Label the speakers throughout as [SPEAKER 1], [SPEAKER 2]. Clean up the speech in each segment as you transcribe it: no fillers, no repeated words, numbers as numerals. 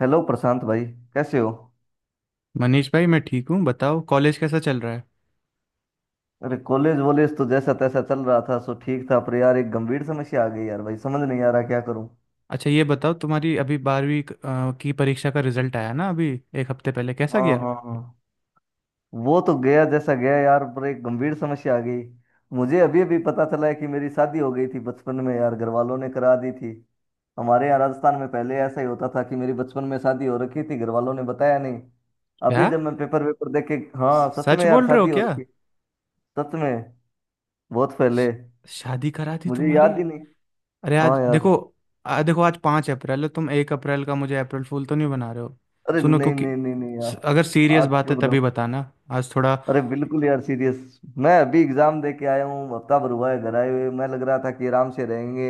[SPEAKER 1] Hello Prashant भाई। कैसे हो?
[SPEAKER 2] मनीष भाई, मैं ठीक हूँ। बताओ, कॉलेज कैसा चल रहा है?
[SPEAKER 1] अरे कॉलेज वॉलेज तो जैसा तैसा चल रहा था सो ठीक था, पर यार एक गंभीर समस्या आ गई। यार भाई समझ नहीं आ रहा क्या करूं।
[SPEAKER 2] अच्छा, ये बताओ, तुम्हारी अभी 12वीं की परीक्षा का रिजल्ट आया ना अभी। एक हफ्ते पहले कैसा
[SPEAKER 1] हाँ
[SPEAKER 2] गया?
[SPEAKER 1] हाँ हाँ। वो तो गया जैसा गया यार, पर एक गंभीर समस्या आ गई। मुझे अभी अभी पता चला है कि मेरी शादी हो गई थी बचपन में, यार घर वालों ने करा दी थी। हमारे यहाँ राजस्थान में पहले ऐसा ही होता था कि मेरी बचपन में शादी हो रखी थी, घर वालों ने बताया नहीं।
[SPEAKER 2] क्या?
[SPEAKER 1] अभी जब मैं पेपर वेपर देख के, हाँ सच
[SPEAKER 2] सच
[SPEAKER 1] में यार
[SPEAKER 2] बोल रहे हो
[SPEAKER 1] शादी हो
[SPEAKER 2] क्या?
[SPEAKER 1] रखी। सच में। बहुत
[SPEAKER 2] श-
[SPEAKER 1] पहले।
[SPEAKER 2] शादी करा दी
[SPEAKER 1] मुझे
[SPEAKER 2] तुम्हारी?
[SPEAKER 1] याद ही नहीं।
[SPEAKER 2] अरे,
[SPEAKER 1] हाँ
[SPEAKER 2] आज
[SPEAKER 1] यार।
[SPEAKER 2] देखो। देखो, आज 5 अप्रैल है। तुम 1 अप्रैल का मुझे अप्रैल फूल तो नहीं बना रहे हो?
[SPEAKER 1] अरे
[SPEAKER 2] सुनो,
[SPEAKER 1] नहीं
[SPEAKER 2] क्योंकि
[SPEAKER 1] नहीं नहीं नहीं यार।
[SPEAKER 2] अगर सीरियस
[SPEAKER 1] आज
[SPEAKER 2] बात है
[SPEAKER 1] क्यों
[SPEAKER 2] तभी
[SPEAKER 1] बताऊं?
[SPEAKER 2] बताना। आज थोड़ा।
[SPEAKER 1] अरे बिल्कुल यार सीरियस। मैं अभी एग्जाम दे के आया हूँ, हफ्ता भर हुआ है घर आए हुए। मैं लग रहा था कि आराम से रहेंगे,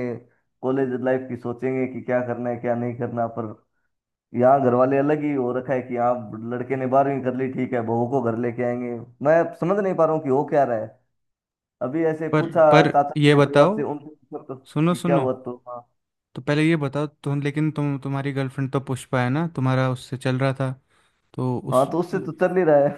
[SPEAKER 1] कॉलेज लाइफ की सोचेंगे कि क्या करना है क्या नहीं करना। पर यहाँ घर वाले अलग ही हो रखा है कि आप लड़के ने 12वीं कर ली ठीक है बहू को घर लेके आएंगे। मैं समझ नहीं पा रहा हूँ कि हो क्या रहा है। अभी ऐसे
[SPEAKER 2] पर
[SPEAKER 1] पूछा
[SPEAKER 2] पर
[SPEAKER 1] चाचा जी
[SPEAKER 2] ये
[SPEAKER 1] या परिवार
[SPEAKER 2] बताओ।
[SPEAKER 1] से, उनसे पूछा तो
[SPEAKER 2] सुनो,
[SPEAKER 1] कि क्या
[SPEAKER 2] सुनो।
[SPEAKER 1] हुआ तो हाँ।
[SPEAKER 2] तो पहले ये बताओ तुम, लेकिन तुम तुम्हारी गर्लफ्रेंड तो पुष्पा है ना, तुम्हारा उससे चल रहा था। तो
[SPEAKER 1] हाँ
[SPEAKER 2] उस।
[SPEAKER 1] तो उससे तो चल ही रहा है।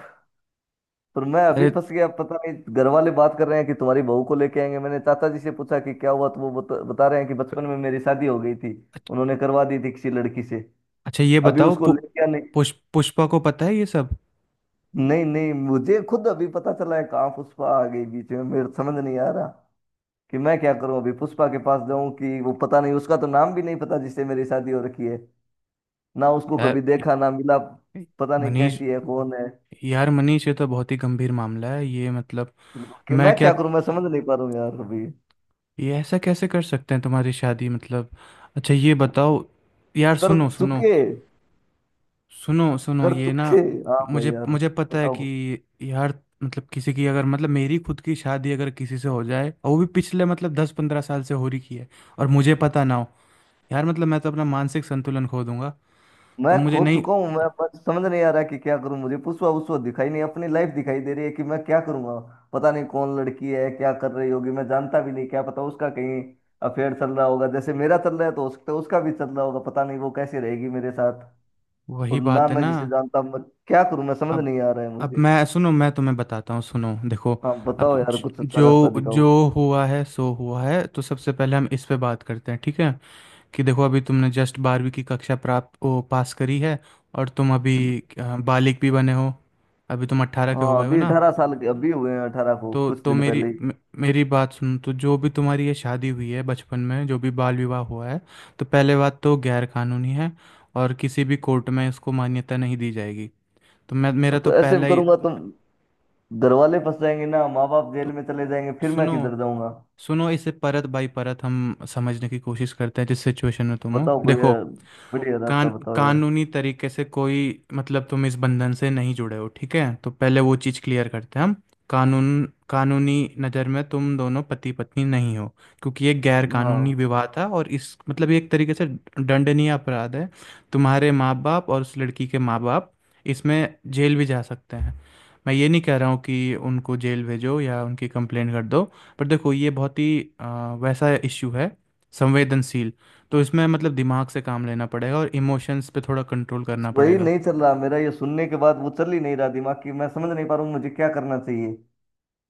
[SPEAKER 1] पर मैं अभी
[SPEAKER 2] अरे।
[SPEAKER 1] फंस गया, पता नहीं घर वाले बात कर रहे हैं कि तुम्हारी बहू को लेके आएंगे। मैंने चाचा जी से पूछा कि क्या हुआ तो वो बता रहे हैं कि बचपन में मेरी शादी हो गई थी,
[SPEAKER 2] अच्छ-
[SPEAKER 1] उन्होंने करवा दी थी किसी लड़की से,
[SPEAKER 2] अच्छा, ये
[SPEAKER 1] अभी
[SPEAKER 2] बताओ,
[SPEAKER 1] उसको लेके आने।
[SPEAKER 2] पुष्पा को पता है ये सब?
[SPEAKER 1] नहीं नहीं मुझे खुद अभी पता चला है, कहाँ पुष्पा आ गई बीच में, मेरे समझ नहीं आ रहा कि मैं क्या करूं। अभी पुष्पा के पास जाऊं कि वो पता नहीं, उसका तो नाम भी नहीं पता जिससे मेरी शादी हो रखी है। ना उसको कभी
[SPEAKER 2] यार,
[SPEAKER 1] देखा ना मिला, पता नहीं
[SPEAKER 2] मनीष।
[SPEAKER 1] कैसी है कौन है।
[SPEAKER 2] यार मनीष, ये तो बहुत ही गंभीर मामला है, ये मतलब।
[SPEAKER 1] कि
[SPEAKER 2] मैं
[SPEAKER 1] मैं
[SPEAKER 2] क्या।
[SPEAKER 1] क्या करूं, मैं समझ नहीं पा रहा हूं यार अभी।
[SPEAKER 2] ये ऐसा कैसे कर सकते हैं तुम्हारी शादी, मतलब। अच्छा, ये बताओ। यार,
[SPEAKER 1] कर
[SPEAKER 2] सुनो, सुनो।
[SPEAKER 1] चुके।
[SPEAKER 2] सुनो, सुनो,
[SPEAKER 1] कर
[SPEAKER 2] ये ना।
[SPEAKER 1] चुके। हाँ भाई
[SPEAKER 2] मुझे
[SPEAKER 1] यार।
[SPEAKER 2] मुझे पता है कि
[SPEAKER 1] बताओ।
[SPEAKER 2] यार। मतलब, किसी की अगर, मतलब मेरी खुद की शादी अगर किसी से हो जाए, और वो भी पिछले मतलब 10-15 साल से हो रही की है, और मुझे पता ना हो, यार मतलब, मैं तो अपना मानसिक संतुलन खो दूंगा।
[SPEAKER 1] मैं
[SPEAKER 2] तो मुझे
[SPEAKER 1] खो
[SPEAKER 2] नहीं।
[SPEAKER 1] चुका हूँ, मैं बस समझ नहीं आ रहा कि क्या करूँ। मुझे पुसवा उसवा दिखाई नहीं, अपनी लाइफ दिखाई दे रही है कि मैं क्या करूँगा। पता नहीं कौन लड़की है क्या कर रही होगी, मैं जानता भी नहीं। क्या पता उसका कहीं अफेयर चल रहा होगा जैसे मेरा चल रहा है, तो हो सकता है उसका भी चल रहा होगा, पता नहीं वो कैसे रहेगी मेरे साथ।
[SPEAKER 2] वही
[SPEAKER 1] और ना
[SPEAKER 2] बात है
[SPEAKER 1] मैं
[SPEAKER 2] ना।
[SPEAKER 1] जिसे जानता, मैं क्या करूँ मैं समझ
[SPEAKER 2] अब।
[SPEAKER 1] नहीं आ रहा है
[SPEAKER 2] अब
[SPEAKER 1] मुझे।
[SPEAKER 2] मैं, सुनो, मैं तुम्हें बताता हूँ, सुनो, देखो।
[SPEAKER 1] हाँ
[SPEAKER 2] अब
[SPEAKER 1] बताओ यार कुछ अच्छा रास्ता
[SPEAKER 2] जो
[SPEAKER 1] दिखाओ।
[SPEAKER 2] जो हुआ है सो हुआ है। तो सबसे पहले हम इस पे बात करते हैं, ठीक है? कि देखो, अभी तुमने जस्ट 12वीं की कक्षा पास करी है। और तुम अभी बालिग भी बने हो। अभी तुम 18 के
[SPEAKER 1] हाँ
[SPEAKER 2] हो गए हो
[SPEAKER 1] अभी
[SPEAKER 2] ना?
[SPEAKER 1] 18 साल के अभी हुए हैं, 18 को
[SPEAKER 2] तो
[SPEAKER 1] कुछ
[SPEAKER 2] तो
[SPEAKER 1] दिन
[SPEAKER 2] मेरी
[SPEAKER 1] पहले ही।
[SPEAKER 2] मे- मेरी बात सुन, तो जो भी तुम्हारी ये शादी हुई है बचपन में, जो भी बाल विवाह हुआ है, तो पहले बात तो गैर कानूनी है। और किसी भी कोर्ट में इसको मान्यता नहीं दी जाएगी। तो मैं, मेरा तो
[SPEAKER 1] तो ऐसे
[SPEAKER 2] पहला ही।
[SPEAKER 1] करूंगा तो घर वाले फंस जाएंगे ना, माँ बाप जेल
[SPEAKER 2] तो
[SPEAKER 1] में चले जाएंगे, फिर मैं
[SPEAKER 2] सुनो,
[SPEAKER 1] किधर जाऊंगा।
[SPEAKER 2] सुनो, इसे परत बाई परत हम समझने की कोशिश करते हैं, जिस सिचुएशन में तुम हो,
[SPEAKER 1] बताओ कोई
[SPEAKER 2] देखो।
[SPEAKER 1] बढ़िया रास्ता
[SPEAKER 2] कान
[SPEAKER 1] बताओ यार।
[SPEAKER 2] कानूनी तरीके से कोई, मतलब तुम इस बंधन से नहीं जुड़े हो, ठीक है, तो पहले वो चीज़ क्लियर करते हैं हम। कानून कानूनी नज़र में तुम दोनों पति पत्नी नहीं हो। क्योंकि ये गैर कानूनी
[SPEAKER 1] हाँ
[SPEAKER 2] विवाह था, और इस मतलब ये एक तरीके से दंडनीय अपराध है। तुम्हारे माँ बाप और उस लड़की के माँ बाप, इसमें जेल भी जा सकते हैं। मैं ये नहीं कह रहा हूँ कि उनको जेल भेजो या उनकी कंप्लेंट कर दो। पर देखो, ये बहुत ही वैसा इशू है, संवेदनशील। तो इसमें मतलब दिमाग से काम लेना पड़ेगा और इमोशंस पे थोड़ा कंट्रोल
[SPEAKER 1] बस
[SPEAKER 2] करना
[SPEAKER 1] वही
[SPEAKER 2] पड़ेगा।
[SPEAKER 1] नहीं चल रहा मेरा, ये सुनने के बाद वो चल ही नहीं रहा दिमाग की, मैं समझ नहीं पा रहा हूँ मुझे क्या करना चाहिए।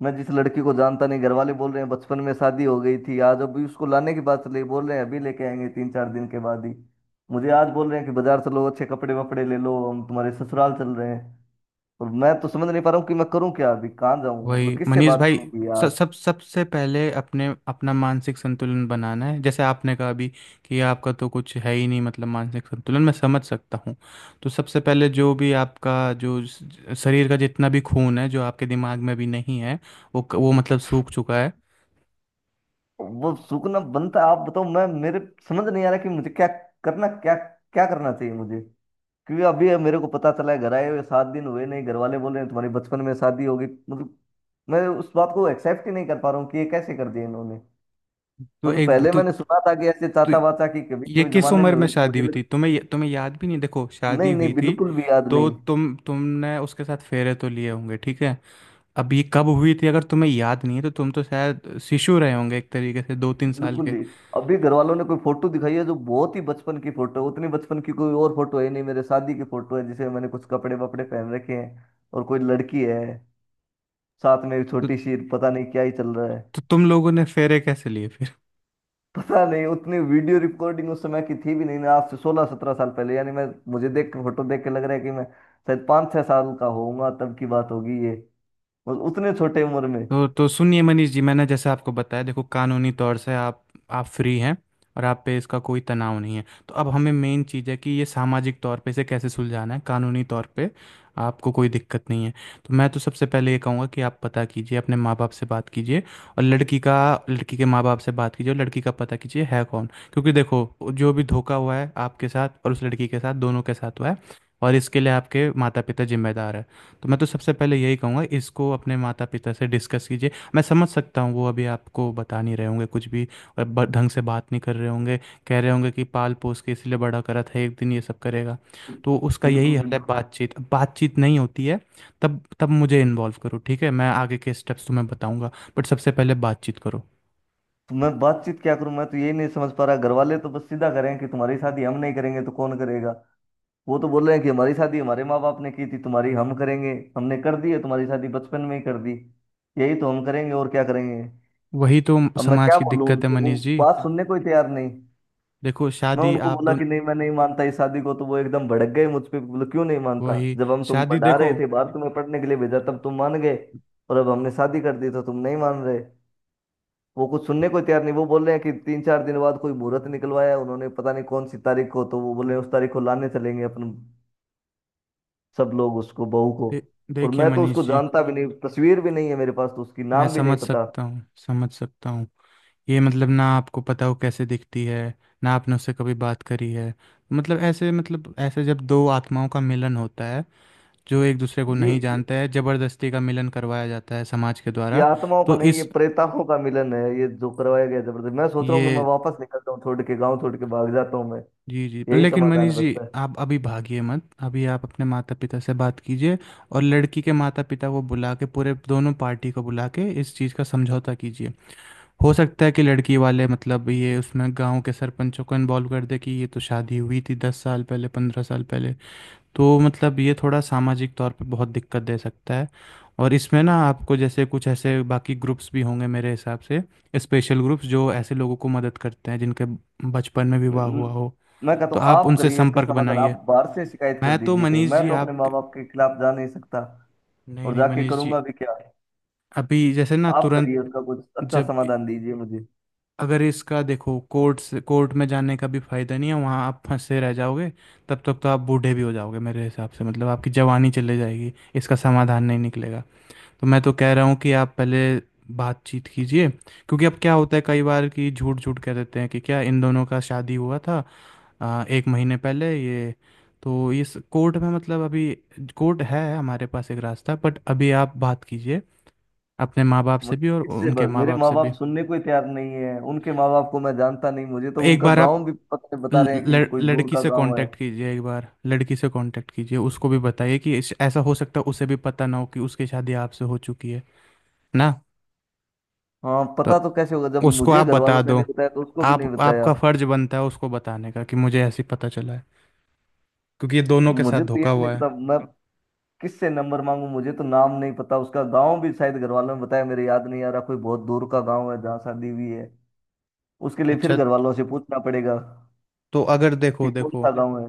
[SPEAKER 1] मैं जिस लड़की को जानता नहीं, घर वाले बोल रहे हैं बचपन में शादी हो गई थी, आज अभी उसको लाने की बात चल रही है, बोल रहे हैं अभी लेके आएंगे 3-4 दिन के बाद ही। मुझे आज बोल रहे हैं कि बाजार चलो अच्छे कपड़े वपड़े ले लो, हम तुम्हारे ससुराल चल रहे हैं। और मैं तो समझ नहीं पा रहा हूँ कि मैं करूँ क्या, अभी कहाँ जाऊँ मतलब
[SPEAKER 2] वही
[SPEAKER 1] किससे
[SPEAKER 2] मनीष
[SPEAKER 1] बात
[SPEAKER 2] भाई।
[SPEAKER 1] करूँ
[SPEAKER 2] सब
[SPEAKER 1] यार।
[SPEAKER 2] सब सबसे पहले अपने अपना मानसिक संतुलन बनाना है, जैसे आपने कहा अभी, कि आपका तो कुछ है ही नहीं मतलब मानसिक संतुलन, मैं समझ सकता हूँ। तो सबसे पहले जो भी आपका जो शरीर का जितना भी खून है, जो आपके दिमाग में अभी नहीं है, वो मतलब सूख चुका है।
[SPEAKER 1] वो सूखना बनता है, आप बताओ। मैं मेरे समझ नहीं आ रहा कि मुझे क्या करना, क्या क्या करना चाहिए मुझे। क्योंकि अभी मेरे को पता चला है घर आए हुए 7 दिन हुए नहीं, घर वाले बोले तुम्हारी बचपन में शादी होगी मतलब। मैं उस बात को एक्सेप्ट ही नहीं कर पा रहा हूँ कि ये कैसे कर दिया इन्होंने।
[SPEAKER 2] तो
[SPEAKER 1] मतलब
[SPEAKER 2] एक
[SPEAKER 1] पहले
[SPEAKER 2] तो।
[SPEAKER 1] मैंने सुना था कि ऐसे
[SPEAKER 2] तो
[SPEAKER 1] चाचा वाचा की कभी
[SPEAKER 2] ये
[SPEAKER 1] कोई
[SPEAKER 2] किस
[SPEAKER 1] जमाने में
[SPEAKER 2] उम्र में
[SPEAKER 1] हुई, तो
[SPEAKER 2] शादी
[SPEAKER 1] मुझे
[SPEAKER 2] हुई
[SPEAKER 1] लग।
[SPEAKER 2] थी? तुम्हें तुम्हें याद भी नहीं? देखो, शादी
[SPEAKER 1] नहीं नहीं
[SPEAKER 2] हुई थी।
[SPEAKER 1] बिल्कुल भी याद
[SPEAKER 2] तो
[SPEAKER 1] नहीं।
[SPEAKER 2] तुमने उसके साथ फेरे तो लिए होंगे, ठीक है। अब ये कब हुई थी? अगर तुम्हें याद नहीं है तो तुम तो शायद शिशु रहे होंगे एक तरीके से, 2-3 साल
[SPEAKER 1] बिल्कुल
[SPEAKER 2] के।
[SPEAKER 1] ही। अभी घर वालों ने कोई फोटो दिखाई है जो बहुत ही बचपन की फोटो है, उतनी बचपन की कोई और फोटो है नहीं, मेरे शादी की फोटो है, जिसे मैंने कुछ कपड़े वपड़े पहन रखे हैं। और कोई लड़की है साथ में एक
[SPEAKER 2] तो,
[SPEAKER 1] छोटी सी, पता नहीं क्या ही चल रहा है।
[SPEAKER 2] तो तुम लोगों ने फेरे कैसे लिए?
[SPEAKER 1] पता नहीं उतनी वीडियो रिकॉर्डिंग उस समय की थी भी नहीं ना, आज से 16-17 साल पहले यानी मैं, मुझे देख के फोटो देख के लग रहा है कि मैं शायद 5-6 साल का होऊंगा तब की बात होगी ये। और उतने छोटे उम्र में।
[SPEAKER 2] तो सुनिए मनीष जी, मैंने जैसे आपको बताया, देखो कानूनी तौर से आप फ्री हैं। और आप पे इसका कोई तनाव नहीं है। तो अब हमें मेन चीज़ है कि ये सामाजिक तौर पे इसे कैसे सुलझाना है, कानूनी तौर पे आपको कोई दिक्कत नहीं है। तो मैं तो सबसे पहले ये कहूँगा कि आप पता कीजिए, अपने माँ बाप से बात कीजिए। और लड़की का, लड़की के माँ बाप से बात कीजिए और लड़की का पता कीजिए है कौन। क्योंकि देखो, जो भी धोखा हुआ है आपके साथ और उस लड़की के साथ, दोनों के साथ हुआ है। और इसके लिए आपके माता पिता जिम्मेदार है। तो मैं तो सबसे पहले यही कहूँगा इसको अपने माता पिता से डिस्कस कीजिए। मैं समझ सकता हूँ वो अभी आपको बता नहीं रहे होंगे कुछ भी। अ, ब ढंग से बात नहीं कर रहे होंगे। कह रहे होंगे कि पाल-पोस के इसलिए बड़ा करा था, एक दिन ये सब करेगा। तो उसका यही
[SPEAKER 1] बिल्कुल
[SPEAKER 2] हल है
[SPEAKER 1] बिल्कुल।
[SPEAKER 2] बातचीत। अब बातचीत नहीं होती है, तब तब मुझे इन्वॉल्व करो, ठीक है? मैं आगे के स्टेप्स तुम्हें बताऊँगा। बट सबसे पहले बातचीत करो।
[SPEAKER 1] तो मैं बातचीत क्या करूं, मैं तो यही नहीं समझ पा रहा। घर वाले तो बस सीधा करें कि तुम्हारी शादी हम नहीं करेंगे तो कौन करेगा। वो तो बोल रहे हैं कि हमारी शादी हमारे माँ बाप ने की थी, तुम्हारी हम करेंगे। हमने कर दी है तुम्हारी शादी बचपन में ही कर दी, यही तो हम करेंगे और क्या करेंगे।
[SPEAKER 2] वही तो
[SPEAKER 1] अब मैं
[SPEAKER 2] समाज
[SPEAKER 1] क्या
[SPEAKER 2] की
[SPEAKER 1] बोलूं
[SPEAKER 2] दिक्कत है
[SPEAKER 1] उनसे, वो
[SPEAKER 2] मनीष जी।
[SPEAKER 1] बात सुनने को ही तैयार नहीं।
[SPEAKER 2] देखो,
[SPEAKER 1] मैं
[SPEAKER 2] शादी
[SPEAKER 1] उनको
[SPEAKER 2] आप
[SPEAKER 1] बोला
[SPEAKER 2] दोन
[SPEAKER 1] कि नहीं मैं नहीं मानता इस शादी को, तो वो एकदम भड़क गए मुझ पे, बोले क्यों नहीं मानता
[SPEAKER 2] वही
[SPEAKER 1] जब हम तुम
[SPEAKER 2] शादी
[SPEAKER 1] पढ़ा
[SPEAKER 2] देखो,
[SPEAKER 1] रहे थे बाहर तुम्हें पढ़ने के लिए भेजा तब तुम मान गए, और अब हमने शादी कर दी तो तुम नहीं मान रहे। वो कुछ सुनने को तैयार नहीं, वो बोल रहे हैं कि 3-4 दिन बाद कोई मुहूर्त निकलवाया है उन्होंने, पता नहीं कौन सी तारीख को, तो वो बोल रहे हैं उस तारीख को लाने चलेंगे अपन सब लोग उसको, बहू को।
[SPEAKER 2] दे
[SPEAKER 1] और
[SPEAKER 2] देखिए
[SPEAKER 1] मैं तो उसको
[SPEAKER 2] मनीष जी,
[SPEAKER 1] जानता भी नहीं, तस्वीर भी नहीं है मेरे पास तो, उसकी
[SPEAKER 2] मैं
[SPEAKER 1] नाम भी नहीं
[SPEAKER 2] समझ
[SPEAKER 1] पता।
[SPEAKER 2] सकता हूँ, समझ सकता हूँ। ये मतलब, ना आपको पता हो कैसे दिखती है, ना आपने उससे कभी बात करी है। मतलब ऐसे, मतलब ऐसे, जब दो आत्माओं का मिलन होता है, जो एक दूसरे को
[SPEAKER 1] ये
[SPEAKER 2] नहीं
[SPEAKER 1] ये,
[SPEAKER 2] जानता है, जबरदस्ती का मिलन करवाया जाता है समाज के
[SPEAKER 1] ये
[SPEAKER 2] द्वारा।
[SPEAKER 1] आत्माओं का
[SPEAKER 2] तो
[SPEAKER 1] नहीं, ये
[SPEAKER 2] इस,
[SPEAKER 1] प्रेतात्माओं का मिलन है ये जो करवाया गया जबरदस्त। मैं सोच रहा हूँ कि मैं
[SPEAKER 2] ये,
[SPEAKER 1] वापस निकलता हूँ, छोड़ के गाँव छोड़ के भाग जाता हूँ मैं।
[SPEAKER 2] जी जी, पर
[SPEAKER 1] यही
[SPEAKER 2] लेकिन
[SPEAKER 1] समाधान
[SPEAKER 2] मनीष जी,
[SPEAKER 1] बचता है।
[SPEAKER 2] आप अभी भागिए मत। अभी आप अपने माता पिता से बात कीजिए, और लड़की के माता पिता को बुला के, पूरे दोनों पार्टी को बुला के इस चीज़ का समझौता कीजिए। हो सकता है कि लड़की वाले मतलब, ये उसमें गांव के सरपंचों को इन्वॉल्व कर दे कि ये तो शादी हुई थी 10 साल पहले, 15 साल पहले। तो मतलब ये थोड़ा सामाजिक तौर पे बहुत दिक्कत दे सकता है। और इसमें ना, आपको जैसे कुछ ऐसे बाकी ग्रुप्स भी होंगे मेरे हिसाब से, स्पेशल ग्रुप्स जो ऐसे लोगों को मदद करते हैं जिनके बचपन में विवाह हुआ
[SPEAKER 1] न-
[SPEAKER 2] हो।
[SPEAKER 1] मैं कहता
[SPEAKER 2] तो
[SPEAKER 1] हूँ
[SPEAKER 2] आप
[SPEAKER 1] आप
[SPEAKER 2] उनसे
[SPEAKER 1] करिए इसका
[SPEAKER 2] संपर्क
[SPEAKER 1] समाधान, आप
[SPEAKER 2] बनाइए।
[SPEAKER 1] बाहर से शिकायत कर
[SPEAKER 2] मैं तो
[SPEAKER 1] दीजिए कहीं,
[SPEAKER 2] मनीष
[SPEAKER 1] मैं
[SPEAKER 2] जी
[SPEAKER 1] तो अपने
[SPEAKER 2] आप,
[SPEAKER 1] माँ बाप के खिलाफ जा नहीं सकता।
[SPEAKER 2] नहीं
[SPEAKER 1] और
[SPEAKER 2] नहीं
[SPEAKER 1] जाके
[SPEAKER 2] मनीष जी,
[SPEAKER 1] करूंगा भी क्या।
[SPEAKER 2] अभी जैसे ना
[SPEAKER 1] आप
[SPEAKER 2] तुरंत,
[SPEAKER 1] करिए उसका कुछ अच्छा
[SPEAKER 2] जब,
[SPEAKER 1] समाधान दीजिए मुझे।
[SPEAKER 2] अगर इसका देखो, कोर्ट से कोर्ट में जाने का भी फायदा नहीं है, वहाँ आप फंसे रह जाओगे। तब तक तो आप बूढ़े भी हो जाओगे मेरे हिसाब से, मतलब आपकी जवानी चले जाएगी, इसका समाधान नहीं निकलेगा। तो मैं तो कह रहा हूँ कि आप पहले बातचीत कीजिए, क्योंकि अब क्या होता है कई बार कि झूठ झूठ कह देते हैं कि क्या इन दोनों का शादी हुआ था, एक महीने पहले ये। तो इस कोर्ट में मतलब, अभी कोर्ट है हमारे पास एक रास्ता, बट अभी आप बात कीजिए, अपने माँ बाप से
[SPEAKER 1] मुझे
[SPEAKER 2] भी और
[SPEAKER 1] किससे
[SPEAKER 2] उनके माँ
[SPEAKER 1] मेरे
[SPEAKER 2] बाप
[SPEAKER 1] माँ
[SPEAKER 2] से
[SPEAKER 1] बाप
[SPEAKER 2] भी।
[SPEAKER 1] सुनने को ही तैयार नहीं है, उनके माँ बाप को मैं जानता नहीं, मुझे तो
[SPEAKER 2] एक
[SPEAKER 1] उनका
[SPEAKER 2] बार आप
[SPEAKER 1] गांव भी पता बता रहे हैं कि कोई दूर
[SPEAKER 2] लड़की
[SPEAKER 1] का
[SPEAKER 2] से
[SPEAKER 1] गांव है।
[SPEAKER 2] कांटेक्ट कीजिए, एक बार लड़की से कांटेक्ट कीजिए, उसको भी बताइए कि ऐसा हो सकता है उसे भी पता ना हो कि उसकी शादी आपसे हो चुकी है ना।
[SPEAKER 1] हाँ
[SPEAKER 2] तो
[SPEAKER 1] पता तो कैसे होगा, जब
[SPEAKER 2] उसको
[SPEAKER 1] मुझे
[SPEAKER 2] आप
[SPEAKER 1] घर वालों
[SPEAKER 2] बता
[SPEAKER 1] ने
[SPEAKER 2] दो।
[SPEAKER 1] नहीं बताया तो उसको भी नहीं
[SPEAKER 2] आप
[SPEAKER 1] बताया।
[SPEAKER 2] आपका फर्ज बनता है उसको बताने का, कि मुझे ऐसे ही पता चला है। क्योंकि ये दोनों के साथ
[SPEAKER 1] मुझे तो ये
[SPEAKER 2] धोखा
[SPEAKER 1] भी नहीं
[SPEAKER 2] हुआ है।
[SPEAKER 1] पता मैं किससे नंबर मांगू, मुझे तो नाम नहीं पता, उसका गांव भी शायद घर वालों ने बताया, मेरे याद नहीं आ रहा, कोई बहुत दूर का गांव है जहाँ शादी हुई है। उसके लिए फिर
[SPEAKER 2] अच्छा,
[SPEAKER 1] घर वालों से पूछना पड़ेगा
[SPEAKER 2] तो अगर देखो,
[SPEAKER 1] कि कौन
[SPEAKER 2] देखो,
[SPEAKER 1] सा गांव है।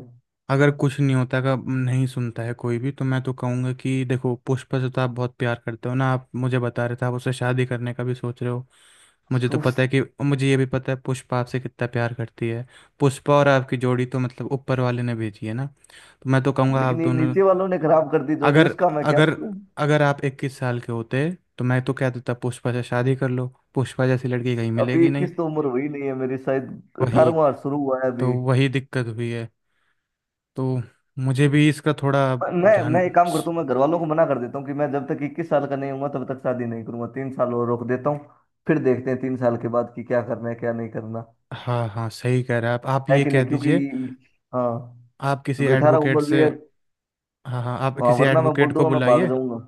[SPEAKER 2] अगर कुछ नहीं होता, का नहीं सुनता है कोई भी, तो मैं तो कहूँगा कि देखो, पुष्पा से तो आप बहुत प्यार करते हो ना, आप मुझे बता रहे थे आप उससे शादी करने का भी सोच रहे हो। मुझे तो
[SPEAKER 1] सोच।
[SPEAKER 2] पता है कि, मुझे ये भी पता है पुष्पा आपसे कितना प्यार करती है। पुष्पा और आपकी जोड़ी तो मतलब ऊपर वाले ने भेजी है ना। तो मैं तो कहूँगा आप
[SPEAKER 1] लेकिन ये
[SPEAKER 2] दोनों,
[SPEAKER 1] नीचे वालों ने खराब कर दी जोड़ी,
[SPEAKER 2] अगर
[SPEAKER 1] उसका मैं क्या
[SPEAKER 2] अगर
[SPEAKER 1] करूं।
[SPEAKER 2] अगर आप 21 साल के होते, तो मैं तो कह देता पुष्पा से शादी कर लो। पुष्पा जैसी लड़की कहीं
[SPEAKER 1] अभी
[SPEAKER 2] मिलेगी नहीं।
[SPEAKER 1] 21 तो उम्र हुई नहीं है मेरी, शायद
[SPEAKER 2] वही,
[SPEAKER 1] 18वां शुरू हुआ है
[SPEAKER 2] तो
[SPEAKER 1] अभी।
[SPEAKER 2] वही दिक्कत हुई है। तो मुझे भी इसका थोड़ा
[SPEAKER 1] मैं
[SPEAKER 2] जान
[SPEAKER 1] मैं एक काम करता हूँ, मैं घर वालों को मना कर देता हूँ कि मैं जब तक 21 साल का नहीं हूँ तब तक शादी नहीं करूंगा, 3 साल और रोक देता हूँ। फिर देखते हैं 3 साल के बाद कि क्या करना है क्या नहीं करना,
[SPEAKER 2] हाँ हाँ, सही कह रहे हैं आप
[SPEAKER 1] है
[SPEAKER 2] ये
[SPEAKER 1] कि
[SPEAKER 2] कह
[SPEAKER 1] नहीं? क्योंकि
[SPEAKER 2] दीजिए।
[SPEAKER 1] हाँ,
[SPEAKER 2] आप किसी
[SPEAKER 1] क्योंकि 18
[SPEAKER 2] एडवोकेट
[SPEAKER 1] उम्र भी
[SPEAKER 2] से,
[SPEAKER 1] है।
[SPEAKER 2] हाँ हाँ, आप
[SPEAKER 1] हाँ
[SPEAKER 2] किसी
[SPEAKER 1] वरना मैं
[SPEAKER 2] एडवोकेट
[SPEAKER 1] बोल
[SPEAKER 2] को
[SPEAKER 1] दूंगा मैं भाग
[SPEAKER 2] बुलाइए।
[SPEAKER 1] जाऊंगा।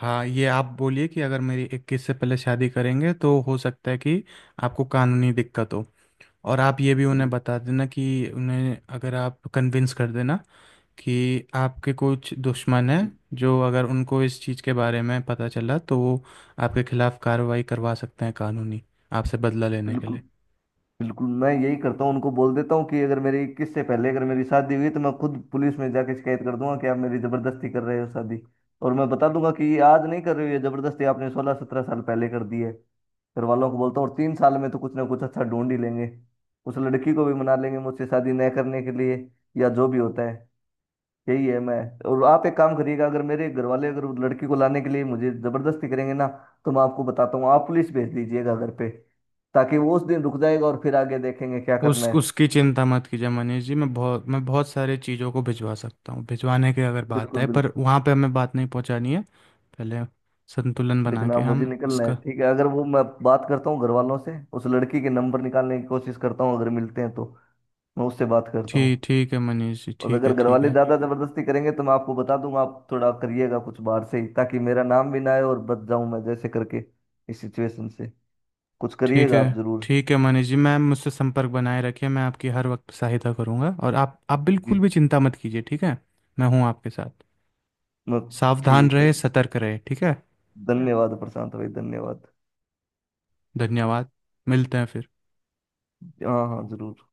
[SPEAKER 2] हाँ, ये आप बोलिए कि अगर मेरी 21 से पहले शादी करेंगे तो हो सकता है कि आपको कानूनी दिक्कत हो। और आप ये भी उन्हें
[SPEAKER 1] बिल्कुल
[SPEAKER 2] बता देना कि, उन्हें अगर आप कन्विंस कर देना कि आपके कुछ दुश्मन हैं, जो अगर उनको इस चीज़ के बारे में पता चला तो वो आपके खिलाफ़ कार्रवाई करवा सकते हैं कानूनी, आपसे बदला लेने के
[SPEAKER 1] बिल्कुल।
[SPEAKER 2] लिए।
[SPEAKER 1] बिल्कुल मैं यही करता हूँ उनको बोल देता हूँ कि अगर मेरी 21 से पहले अगर मेरी शादी हुई तो मैं खुद पुलिस में जाके शिकायत कर दूंगा कि आप मेरी जबरदस्ती कर रहे हो शादी। और मैं बता दूंगा कि ये आज नहीं कर रही हो, ये जबरदस्ती आपने 16-17 साल पहले कर दी है। घर वालों को बोलता हूँ, और 3 साल में तो कुछ ना कुछ अच्छा ढूंढ ही लेंगे, उस लड़की को भी मना लेंगे मुझसे शादी न करने के लिए, या जो भी होता है। यही है मैं। और आप एक काम करिएगा, अगर मेरे घर वाले अगर उस लड़की को लाने के लिए मुझे जबरदस्ती करेंगे ना, तो मैं आपको बताता हूँ आप पुलिस भेज दीजिएगा घर पे, ताकि वो उस दिन रुक जाएगा और फिर आगे देखेंगे क्या करना
[SPEAKER 2] उस
[SPEAKER 1] है।
[SPEAKER 2] उसकी चिंता मत कीजिए मनीष जी, मैं बहुत सारे चीज़ों को भिजवा सकता हूँ, भिजवाने की अगर बात
[SPEAKER 1] बिल्कुल
[SPEAKER 2] है, पर
[SPEAKER 1] बिल्कुल।
[SPEAKER 2] वहाँ पे हमें बात नहीं पहुँचानी है पहले, संतुलन बना
[SPEAKER 1] लेकिन
[SPEAKER 2] के
[SPEAKER 1] आप, मुझे
[SPEAKER 2] हम
[SPEAKER 1] निकलना है
[SPEAKER 2] इसका।
[SPEAKER 1] ठीक है? अगर वो, मैं बात करता हूँ घर वालों से, उस लड़की के नंबर निकालने की कोशिश करता हूँ अगर मिलते हैं तो मैं उससे बात करता हूँ।
[SPEAKER 2] ठीक ठीक है मनीष जी,
[SPEAKER 1] और
[SPEAKER 2] ठीक है,
[SPEAKER 1] अगर घर
[SPEAKER 2] ठीक
[SPEAKER 1] वाले
[SPEAKER 2] है।
[SPEAKER 1] ज्यादा जबरदस्ती करेंगे तो मैं आपको बता दूंगा, आप थोड़ा करिएगा कुछ बाहर से ही, ताकि मेरा नाम भी ना आए और बच जाऊं मैं जैसे करके इस सिचुएशन से। कुछ
[SPEAKER 2] ठीक
[SPEAKER 1] करिएगा
[SPEAKER 2] है
[SPEAKER 1] आप जरूर।
[SPEAKER 2] ठीक है मनीष जी, मैम मुझसे संपर्क बनाए रखिए, मैं आपकी हर वक्त सहायता करूँगा, और आप बिल्कुल
[SPEAKER 1] जी।
[SPEAKER 2] भी चिंता मत कीजिए, ठीक है। मैं हूँ आपके साथ।
[SPEAKER 1] मत-
[SPEAKER 2] सावधान
[SPEAKER 1] ठीक है।
[SPEAKER 2] रहे, सतर्क रहे, ठीक है।
[SPEAKER 1] धन्यवाद प्रशांत भाई, धन्यवाद।
[SPEAKER 2] धन्यवाद। मिलते हैं फिर।
[SPEAKER 1] हाँ हाँ जरूर।